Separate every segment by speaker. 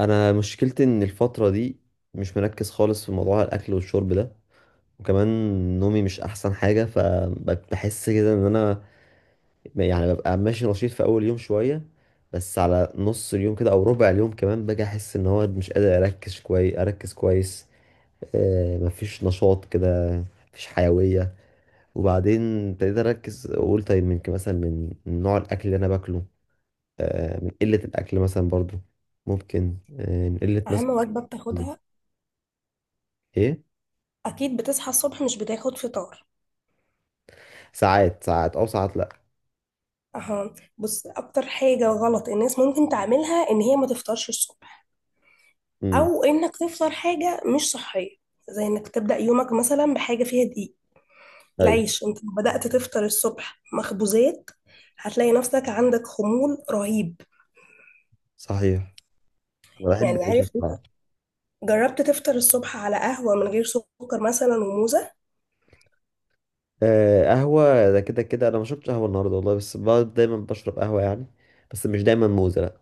Speaker 1: انا مشكلتي ان الفتره دي مش مركز خالص في موضوع الاكل والشرب ده، وكمان نومي مش احسن حاجه. فبحس كده ان انا يعني ببقى ماشي نشيط في اول يوم شويه، بس على نص اليوم كده او ربع اليوم كمان باجي احس ان هو مش قادر اركز كويس. مفيش نشاط كده، مفيش حيويه. وبعدين ابتديت اركز، اقول طيب يمكن مثلا من نوع الاكل اللي انا باكله. من قله الاكل مثلا، برضو ممكن من قله
Speaker 2: اهم
Speaker 1: مثلا.
Speaker 2: وجبه بتاخدها؟
Speaker 1: ايه.
Speaker 2: اكيد بتصحى الصبح مش بتاخد فطار؟
Speaker 1: ساعات ساعات او ساعات، لا.
Speaker 2: اها، بص اكتر حاجه غلط الناس ممكن تعملها ان هي ما تفطرش الصبح،
Speaker 1: امم.
Speaker 2: او انك تفطر حاجه مش صحيه، زي انك تبدا يومك مثلا بحاجه فيها دقيق.
Speaker 1: ايوه،
Speaker 2: العيش، انت لو بدات تفطر الصبح مخبوزات هتلاقي نفسك عندك خمول رهيب.
Speaker 1: صحيح. انا بحب
Speaker 2: يعني
Speaker 1: العيش
Speaker 2: عارف انت،
Speaker 1: الصعب.
Speaker 2: جربت تفطر الصبح على قهوه من غير سكر مثلا وموزه؟
Speaker 1: آه، قهوه ده كده كده انا ما شربتش قهوه النهارده والله، بس بقعد دايما بشرب قهوه يعني. بس مش دايما موزه، لا.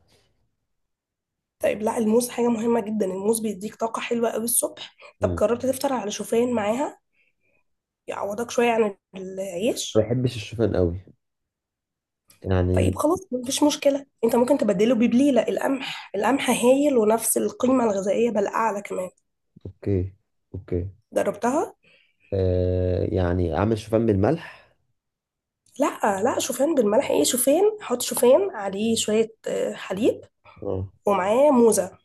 Speaker 2: طيب لا، الموز حاجه مهمه جدا، الموز بيديك طاقه حلوه قوي الصبح. طب
Speaker 1: امم.
Speaker 2: جربت تفطر على شوفان معاها؟ يعوضك شوية عن
Speaker 1: ما
Speaker 2: العيش.
Speaker 1: بحبش الشوفان قوي يعني.
Speaker 2: طيب خلاص مفيش مشكلة، انت ممكن تبدله ببليلة القمح، القمح هايل ونفس القيمة الغذائية بل أعلى كمان.
Speaker 1: اوكي، اوكي.
Speaker 2: جربتها؟
Speaker 1: آه، يعني اعمل شوفان بالملح؟
Speaker 2: لا لا، شوفان بالملح ايه، شوفان، حط شوفان عليه شوية حليب،
Speaker 1: اه.
Speaker 2: ومعاه موزة.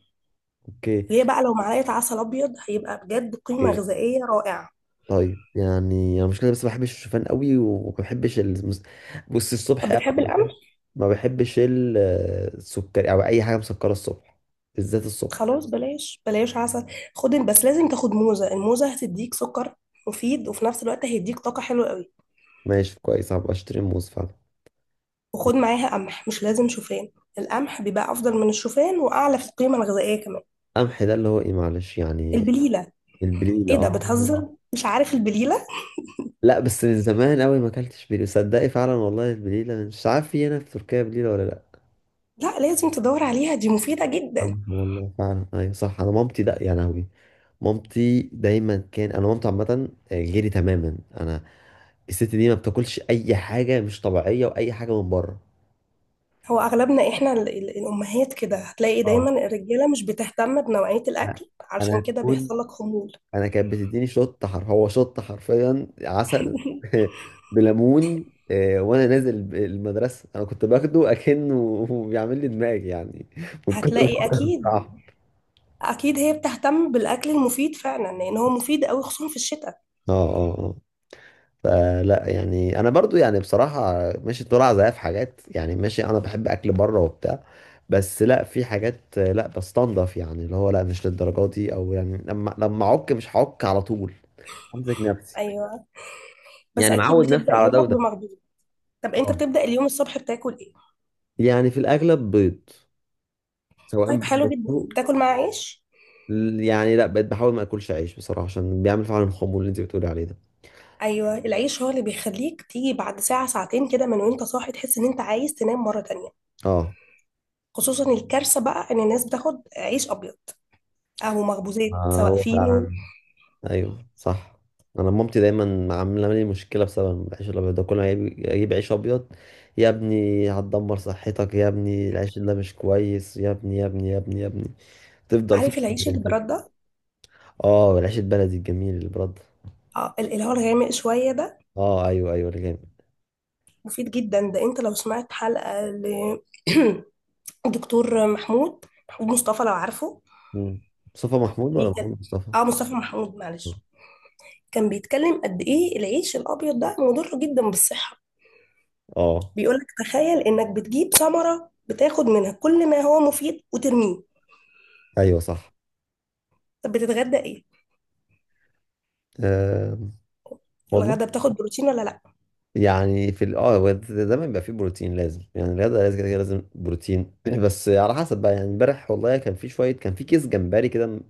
Speaker 1: اوكي،
Speaker 2: وهي بقى لو معلقة عسل أبيض هيبقى بجد قيمة
Speaker 1: اوكي.
Speaker 2: غذائية رائعة.
Speaker 1: طيب يعني انا مشكله، بس ما بحبش الشوفان قوي وما بحبش بص، الصبح
Speaker 2: طب
Speaker 1: انا
Speaker 2: بتحب القمح؟
Speaker 1: ما بحبش السكر او اي حاجه مسكره الصبح، بالذات الصبح.
Speaker 2: خلاص بلاش بلاش عسل. خد، بس لازم تاخد موزة، الموزة هتديك سكر مفيد وفي نفس الوقت هيديك طاقة حلوة قوي.
Speaker 1: ماشي، كويس، هبقى اشتري موز فعلا.
Speaker 2: وخد معاها قمح، مش لازم شوفان. القمح بيبقى افضل من الشوفان واعلى في القيمه الغذائيه كمان.
Speaker 1: قمح ده اللي هو ايه؟ معلش يعني.
Speaker 2: البليله.
Speaker 1: البليلة،
Speaker 2: ايه ده،
Speaker 1: اه.
Speaker 2: بتهزر، مش عارف البليله؟
Speaker 1: لا بس من زمان قوي ما اكلتش بليلة صدقي فعلا والله. البليلة مش عارف في هنا في تركيا بليلة ولا لا.
Speaker 2: لا، لازم تدور عليها، دي مفيده جدا.
Speaker 1: قمح، والله فعلا، ايوه صح. انا مامتي ده يا لهوي. مامتي دايما كان انا مامتي عامة غيري تماما انا. الست دي ما بتاكلش اي حاجة مش طبيعية واي حاجة من بره.
Speaker 2: هو اغلبنا احنا الامهات كده، هتلاقي
Speaker 1: اه.
Speaker 2: دايما الرجاله مش بتهتم بنوعيه
Speaker 1: لا.
Speaker 2: الاكل،
Speaker 1: انا
Speaker 2: علشان كده
Speaker 1: كنت
Speaker 2: بيحصل لك خمول.
Speaker 1: انا كانت بتديني شط حر، هو شط حرفيا عسل بليمون. وانا نازل المدرسه، انا كنت باخده اكنه بيعمل لي دماغ يعني من كتر
Speaker 2: هتلاقي
Speaker 1: ما،
Speaker 2: اكيد،
Speaker 1: بصراحه.
Speaker 2: اكيد هي بتهتم بالاكل المفيد فعلا، لان هو مفيد قوي خصوصا في الشتاء.
Speaker 1: اه، اه، اه. فلا يعني انا برضو يعني بصراحه ماشي، طلع زيها في حاجات يعني، ماشي، انا بحب اكل بره وبتاع. بس لا في حاجات لا بستنضف يعني، اللي هو لا مش للدرجه دي، او يعني لما اعك مش هعك على طول. همسك نفسي
Speaker 2: ايوه، بس
Speaker 1: يعني
Speaker 2: اكيد
Speaker 1: معود نفسي
Speaker 2: بتبدا
Speaker 1: على ده
Speaker 2: يومك
Speaker 1: وده.
Speaker 2: بمخبوزات. طب انت
Speaker 1: اه.
Speaker 2: بتبدا اليوم الصبح بتاكل ايه؟
Speaker 1: يعني في الاغلب بيض، سواء
Speaker 2: طيب حلو جدا،
Speaker 1: بالمسلوق.
Speaker 2: بتاكل مع عيش؟
Speaker 1: يعني لا، بقيت بحاول ما اكلش عيش بصراحه، عشان بيعمل فعلا الخمول اللي انت بتقولي عليه ده.
Speaker 2: ايوه، العيش هو اللي بيخليك تيجي بعد ساعه ساعتين كده من وانت صاحي تحس ان انت عايز تنام مره تانية.
Speaker 1: اه.
Speaker 2: خصوصا الكارثه بقى ان الناس بتاخد عيش ابيض، او مخبوزات سواء
Speaker 1: هو
Speaker 2: فينو.
Speaker 1: فعلا. ايوه صح. انا مامتي دايما عامله لي مشكله بسبب العيش الابيض ده، كل ما اجيب عيش ابيض: يا ابني هتدمر صحتك، يا ابني العيش ده مش كويس، يا ابني، يا ابني، يا ابني، يا ابني، تفضل في
Speaker 2: عارف العيش اللي برد ده؟
Speaker 1: اه، العيش البلدي الجميل اللي برد.
Speaker 2: اللي هو الغامق شويه ده.
Speaker 1: اه، ايوه، ايوه، اللي جامد.
Speaker 2: مفيد جدا ده، انت لو سمعت حلقه لدكتور محمود مصطفى لو عارفه.
Speaker 1: مم. مصطفى محمود ولا
Speaker 2: بيكلم،
Speaker 1: محمود مصطفى؟
Speaker 2: اه مصطفى محمود،
Speaker 1: اه.
Speaker 2: معلش. كان بيتكلم قد ايه العيش الابيض ده مضر جدا بالصحه.
Speaker 1: آه،
Speaker 2: بيقولك تخيل انك بتجيب ثمرة بتاخد منها كل ما هو مفيد وترميه.
Speaker 1: ايوه صح.
Speaker 2: طب بتتغدى ايه؟
Speaker 1: أه، والله.
Speaker 2: الغدا بتاخد بروتين ولا لا؟
Speaker 1: يعني في دايما بيبقى فيه بروتين لازم يعني، الرياضه لازم كده كده لازم بروتين بس على حسب بقى يعني، امبارح والله كان في شويه، كان في كيس جمبري كده م-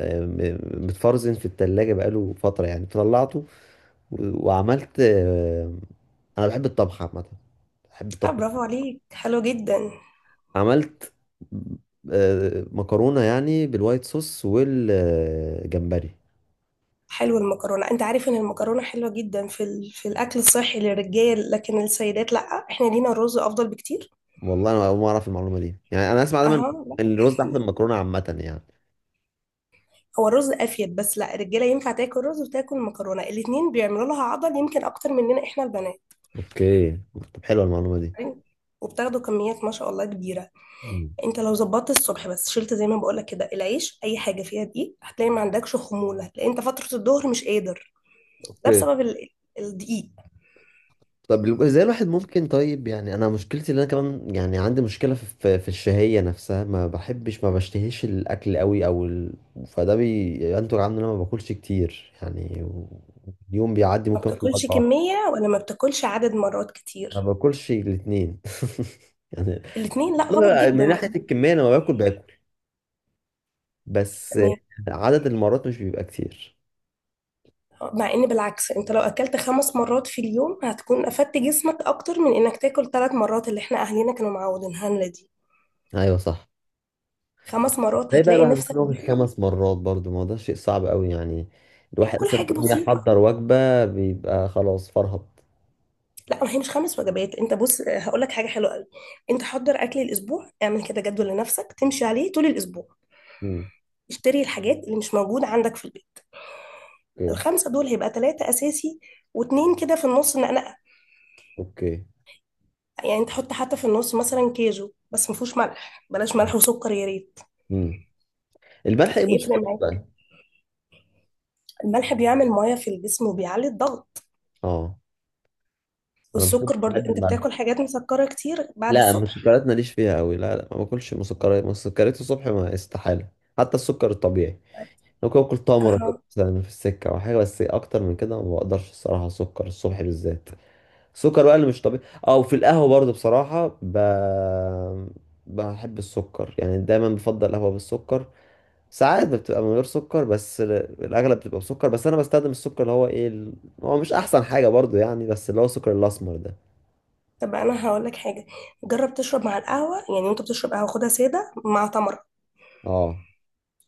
Speaker 1: آه، م- متفرزن في التلاجة بقاله فتره يعني، طلعته وعملت انا بحب الطبخ عامه، بحب
Speaker 2: اه
Speaker 1: الطبخ.
Speaker 2: برافو عليك، حلو جدا.
Speaker 1: عملت مكرونه يعني بالوايت صوص والجمبري.
Speaker 2: حلو المكرونة، انت عارف ان المكرونة حلوة جدا في الاكل الصحي للرجال لكن السيدات لا. احنا لينا الرز افضل بكتير.
Speaker 1: والله انا اول مره اعرف المعلومه دي يعني، انا اسمع دايما
Speaker 2: اها لا،
Speaker 1: إن الرز احسن من المكرونه عامه يعني.
Speaker 2: هو الرز افيد، بس لا، الرجالة ينفع تاكل رز وتاكل مكرونة، الاتنين بيعملوا لها عضل يمكن اكتر مننا احنا البنات.
Speaker 1: اوكي. طب حلوه المعلومه
Speaker 2: وبتاخدوا كميات ما شاء الله كبيرة.
Speaker 1: دي.
Speaker 2: انت لو ظبطت الصبح بس، شلت زي ما بقولك كده العيش اي حاجه فيها دقيق، هتلاقي ما عندكش خمول، هتلاقي انت فتره الظهر مش قادر. ده
Speaker 1: اوكي.
Speaker 2: بسبب الدقيق.
Speaker 1: طب ازاي الواحد ممكن؟ طيب يعني انا مشكلتي ان انا كمان يعني عندي مشكله في الشهيه نفسها، ما بشتهيش الاكل قوي، او فده بينتج عنه ان انا ما باكلش كتير يعني، اليوم بيعدي
Speaker 2: ما
Speaker 1: ممكن اكل
Speaker 2: بتاكلش
Speaker 1: وجبه واحده.
Speaker 2: كميه ولا ما بتاكلش عدد مرات
Speaker 1: ما
Speaker 2: كتير؟
Speaker 1: باكلش الاثنين يعني.
Speaker 2: الاتنين، لا غلط
Speaker 1: والله
Speaker 2: جدا
Speaker 1: من
Speaker 2: غلط.
Speaker 1: ناحيه الكميه انا ما باكل، باكل، بس
Speaker 2: تمام.
Speaker 1: عدد المرات مش بيبقى كتير.
Speaker 2: مع ان بالعكس انت لو اكلت 5 مرات في اليوم هتكون افدت جسمك اكتر من انك تاكل 3 مرات، اللي احنا اهالينا كانوا معودينها لنا دي.
Speaker 1: ايوه صح.
Speaker 2: 5 مرات
Speaker 1: ده بقى
Speaker 2: هتلاقي
Speaker 1: الواحد
Speaker 2: نفسك
Speaker 1: ممكن ياكل
Speaker 2: دايما.
Speaker 1: خمس مرات برضو؟ ما هو ده شيء صعب قوي يعني، الواحد
Speaker 2: كل
Speaker 1: اصلا إن
Speaker 2: حاجه
Speaker 1: هو
Speaker 2: بسيطه.
Speaker 1: يحضر وجبة بيبقى خلاص فرهط.
Speaker 2: لا، ما هي مش 5 وجبات، انت بص هقول لك حاجه حلوه قوي. انت حضر اكل الاسبوع، اعمل كده جدول لنفسك تمشي عليه طول الاسبوع.
Speaker 1: مم.
Speaker 2: اشتري الحاجات اللي مش موجوده عندك في البيت.
Speaker 1: اوكي،
Speaker 2: الخمسه دول هيبقى ثلاثه اساسي، واتنين كده في النص نقنقه.
Speaker 1: اوكي.
Speaker 2: يعني انت حط حتى في النص مثلا كيجو، بس ما فيهوش ملح، بلاش ملح وسكر يا ريت.
Speaker 1: مم. الملح ايه
Speaker 2: هيفرق
Speaker 1: مشكلته
Speaker 2: معاك.
Speaker 1: بقى؟
Speaker 2: الملح بيعمل ميه في الجسم وبيعلي الضغط.
Speaker 1: اه. انا بحب
Speaker 2: والسكر برضو،
Speaker 1: بحب
Speaker 2: انت
Speaker 1: الملح.
Speaker 2: بتاكل حاجات مسكره كتير بعد
Speaker 1: لا،
Speaker 2: الصبح.
Speaker 1: المسكرات ماليش فيها قوي، لا، لا، ما باكلش مسكرات، مسكرات الصبح ما، استحالة. حتى السكر الطبيعي ممكن اكل تمرة كده
Speaker 2: اها،
Speaker 1: مثلا في السكة او حاجة، بس اكتر من كده ما بقدرش الصراحة، سكر الصبح بالذات. السكر بقى اللي مش طبيعي، اه، وفي القهوة برضه بصراحة بحب السكر يعني، دايما بفضل قهوة بالسكر. ساعات بتبقى من غير سكر، بس الأغلب بتبقى بسكر، بس أنا بستخدم السكر اللي هو إيه هو مش أحسن حاجة برضه يعني، بس اللي هو السكر الأسمر ده.
Speaker 2: طب انا هقول لك حاجه. جرب تشرب مع القهوه، يعني وانت بتشرب قهوه خدها ساده مع تمر.
Speaker 1: اه،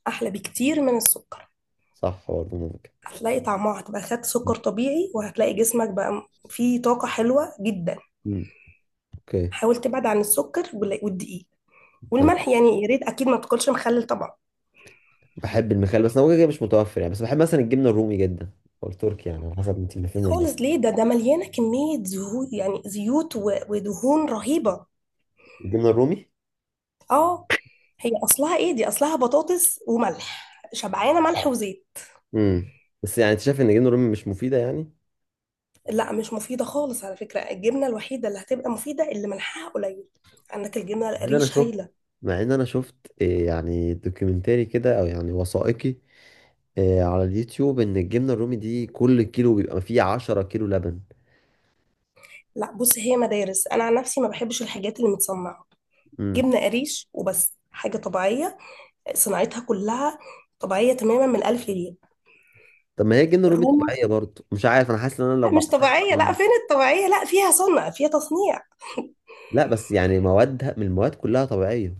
Speaker 2: احلى بكتير من السكر.
Speaker 1: صح، برضه ممكن.
Speaker 2: هتلاقي طعمها هتبقى، خد سكر طبيعي وهتلاقي جسمك بقى فيه طاقة حلوة جدا.
Speaker 1: مم. اوكي.
Speaker 2: حاول تبعد عن السكر والدقيق
Speaker 1: تمام.
Speaker 2: والملح، يعني يا ريت اكيد ما تاكلش مخلل طبعا.
Speaker 1: بحب المخلل بس هو كده مش متوفر يعني، بس بحب مثلا الجبنة الرومي جدا، أو التركي يعني على حسب أنت اللي فين ولا لأ.
Speaker 2: خالص ليه، ده مليانة كمية زهو، يعني زيوت ودهون رهيبة.
Speaker 1: الجبنة الرومي.
Speaker 2: اه، هي اصلها ايه دي، اصلها بطاطس وملح، شبعانة ملح وزيت.
Speaker 1: امم. بس يعني أنت شايف إن الجبنة الرومي مش مفيدة يعني؟
Speaker 2: لا مش مفيدة خالص، على فكرة الجبنة الوحيدة اللي هتبقى مفيدة اللي ملحها قليل. عندك الجبنة
Speaker 1: إن أنا
Speaker 2: القريش
Speaker 1: شفت
Speaker 2: هايلة.
Speaker 1: مع ان انا شفت، إيه، يعني دوكيومنتري كده او يعني وثائقي، إيه، على اليوتيوب، ان الجبنه الرومي دي كل كيلو بيبقى فيه 10 كيلو لبن.
Speaker 2: لا بص، هي مدارس، انا عن نفسي ما بحبش الحاجات اللي متصنعه.
Speaker 1: امم.
Speaker 2: جبنه قريش وبس، حاجه طبيعيه صناعتها كلها طبيعيه تماما من الالف للياء.
Speaker 1: طب ما هي الجبنه الرومي
Speaker 2: الرومي
Speaker 1: طبيعيه برضه؟ مش عارف انا، حاسس ان انا لو
Speaker 2: لا، مش
Speaker 1: بعتها.
Speaker 2: طبيعيه، لا، فين الطبيعيه، لا فيها صنع، فيها تصنيع.
Speaker 1: لا بس يعني موادها من المواد كلها طبيعيه.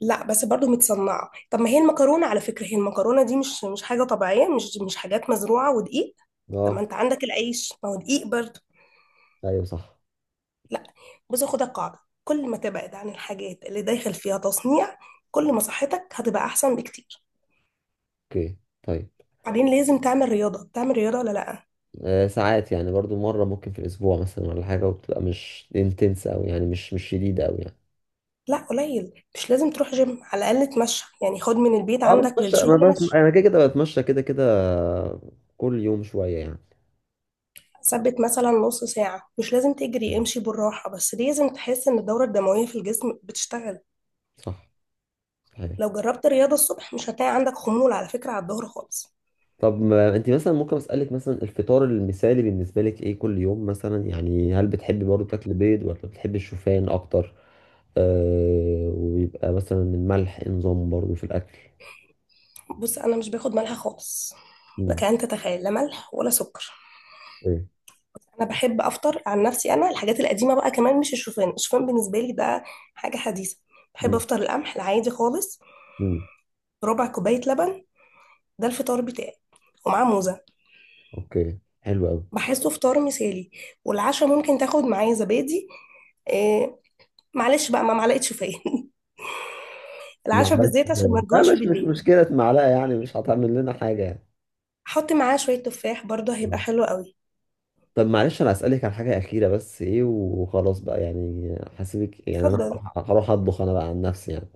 Speaker 2: لا بس برضو متصنعه، طب ما هي المكرونه على فكره، هي المكرونه دي مش حاجه طبيعيه، مش حاجات مزروعه ودقيق. طب ما
Speaker 1: اه،
Speaker 2: انت عندك العيش، ما هو دقيق برضو.
Speaker 1: ايوه صح.
Speaker 2: لا بص، خد القاعده، كل ما تبعد عن الحاجات اللي داخل فيها تصنيع، كل ما صحتك هتبقى احسن بكتير.
Speaker 1: اوكي. طيب.
Speaker 2: بعدين لازم تعمل رياضة، بتعمل رياضة ولا لأ؟
Speaker 1: آه، ساعات يعني برضو مره ممكن في الاسبوع مثلا ولا حاجه، وبتبقى مش انتنس او يعني مش شديده او يعني.
Speaker 2: لا قليل، مش لازم تروح جيم، على الأقل تمشى يعني، خد من البيت
Speaker 1: اه،
Speaker 2: عندك
Speaker 1: بتمشى،
Speaker 2: للشغل مشي.
Speaker 1: انا كده كده بتمشى كده كده، كل يوم شويه يعني.
Speaker 2: ثبت مثلا نص ساعة، مش لازم تجري،
Speaker 1: مم.
Speaker 2: امشي بالراحة بس لازم تحس إن الدورة الدموية في الجسم بتشتغل.
Speaker 1: صح، صحيح.
Speaker 2: لو جربت رياضة الصبح مش هتلاقي عندك خمول على فكرة على الظهر خالص.
Speaker 1: طب ما انت مثلا ممكن اسالك مثلا، الفطار المثالي بالنسبه لك ايه كل يوم مثلا يعني؟ هل بتحبي برضو تاكلي بيض ولا بتحبي الشوفان اكتر؟ آه، ويبقى مثلا الملح إيه نظام برضو في الاكل؟
Speaker 2: بص أنا مش باخد ملح خالص. لك
Speaker 1: امم.
Speaker 2: أن تتخيل، لا ملح ولا سكر.
Speaker 1: ايه.
Speaker 2: أنا بحب أفطر عن نفسي، أنا الحاجات القديمة بقى كمان، مش الشوفان، الشوفان بالنسبة لي ده حاجة حديثة. بحب
Speaker 1: امم.
Speaker 2: أفطر القمح العادي خالص.
Speaker 1: امم.
Speaker 2: ربع كوباية لبن، ده الفطار بتاعي، ومعاه موزة.
Speaker 1: اوكي، حلو قوي.
Speaker 2: بحسه فطار مثالي. والعشاء ممكن تاخد معايا زبادي. إيه، معلش بقى ما معلقة شوفان. العشاء
Speaker 1: معلقه
Speaker 2: بالزيت عشان ما
Speaker 1: شوفان؟ لا
Speaker 2: تجوعش
Speaker 1: مش
Speaker 2: بالليل.
Speaker 1: مشكله معلقه يعني، مش هتعمل لنا حاجه يعني.
Speaker 2: حط معاه شوية تفاح برضه هيبقى
Speaker 1: آه.
Speaker 2: حلو قوي.
Speaker 1: طب معلش انا اسالك على حاجه اخيره بس، ايه، وخلاص بقى يعني، هسيبك يعني، انا
Speaker 2: اتفضل.
Speaker 1: هروح اطبخ انا بقى عن نفسي يعني.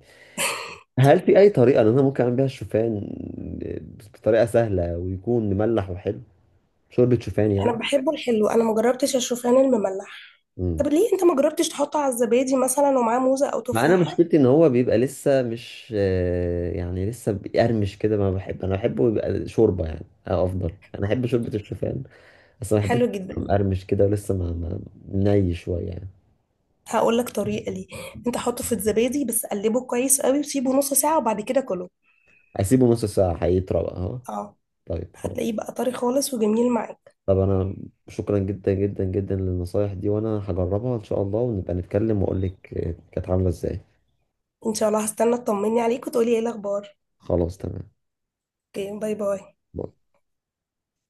Speaker 1: هل
Speaker 2: اتفضل.
Speaker 1: في أي طريقة إن أنا ممكن أعمل بيها الشوفان بطريقة سهلة ويكون مملح وحلو؟ شوربة شوفان
Speaker 2: انا
Speaker 1: يعني.
Speaker 2: بحبه الحلو، انا مجربتش الشوفان المملح. طب
Speaker 1: مم.
Speaker 2: ليه انت ما جربتش تحطه على الزبادي مثلا ومعاه موزة او
Speaker 1: مع، أنا
Speaker 2: تفاحة؟
Speaker 1: مشكلتي إن هو بيبقى لسه مش يعني لسه بيقرمش كده، ما بحب أنا بحبه يبقى شوربة يعني، أو أفضل أنا أحب شوربة الشوفان. بس ما بحبش
Speaker 2: حلو
Speaker 1: يبقى
Speaker 2: جدا،
Speaker 1: مقرمش كده ولسه ما ني شوية يعني.
Speaker 2: هقول لك طريقة، ليه انت حطه في الزبادي بس قلبه كويس قوي وسيبه نص ساعة وبعد كده كله.
Speaker 1: أسيبه نص ساعة هيطرى بقى أهو.
Speaker 2: اه،
Speaker 1: طيب، خلاص.
Speaker 2: هتلاقيه بقى طري خالص وجميل معاك.
Speaker 1: طب أنا، شكرا جدا جدا جدا للنصايح دي، وأنا هجربها إن شاء الله، ونبقى نتكلم وأقول لك كانت عاملة إزاي.
Speaker 2: ان شاء الله، هستنى تطمني عليك وتقولي ايه الاخبار.
Speaker 1: خلاص، تمام.
Speaker 2: اوكي، باي باي.
Speaker 1: باي.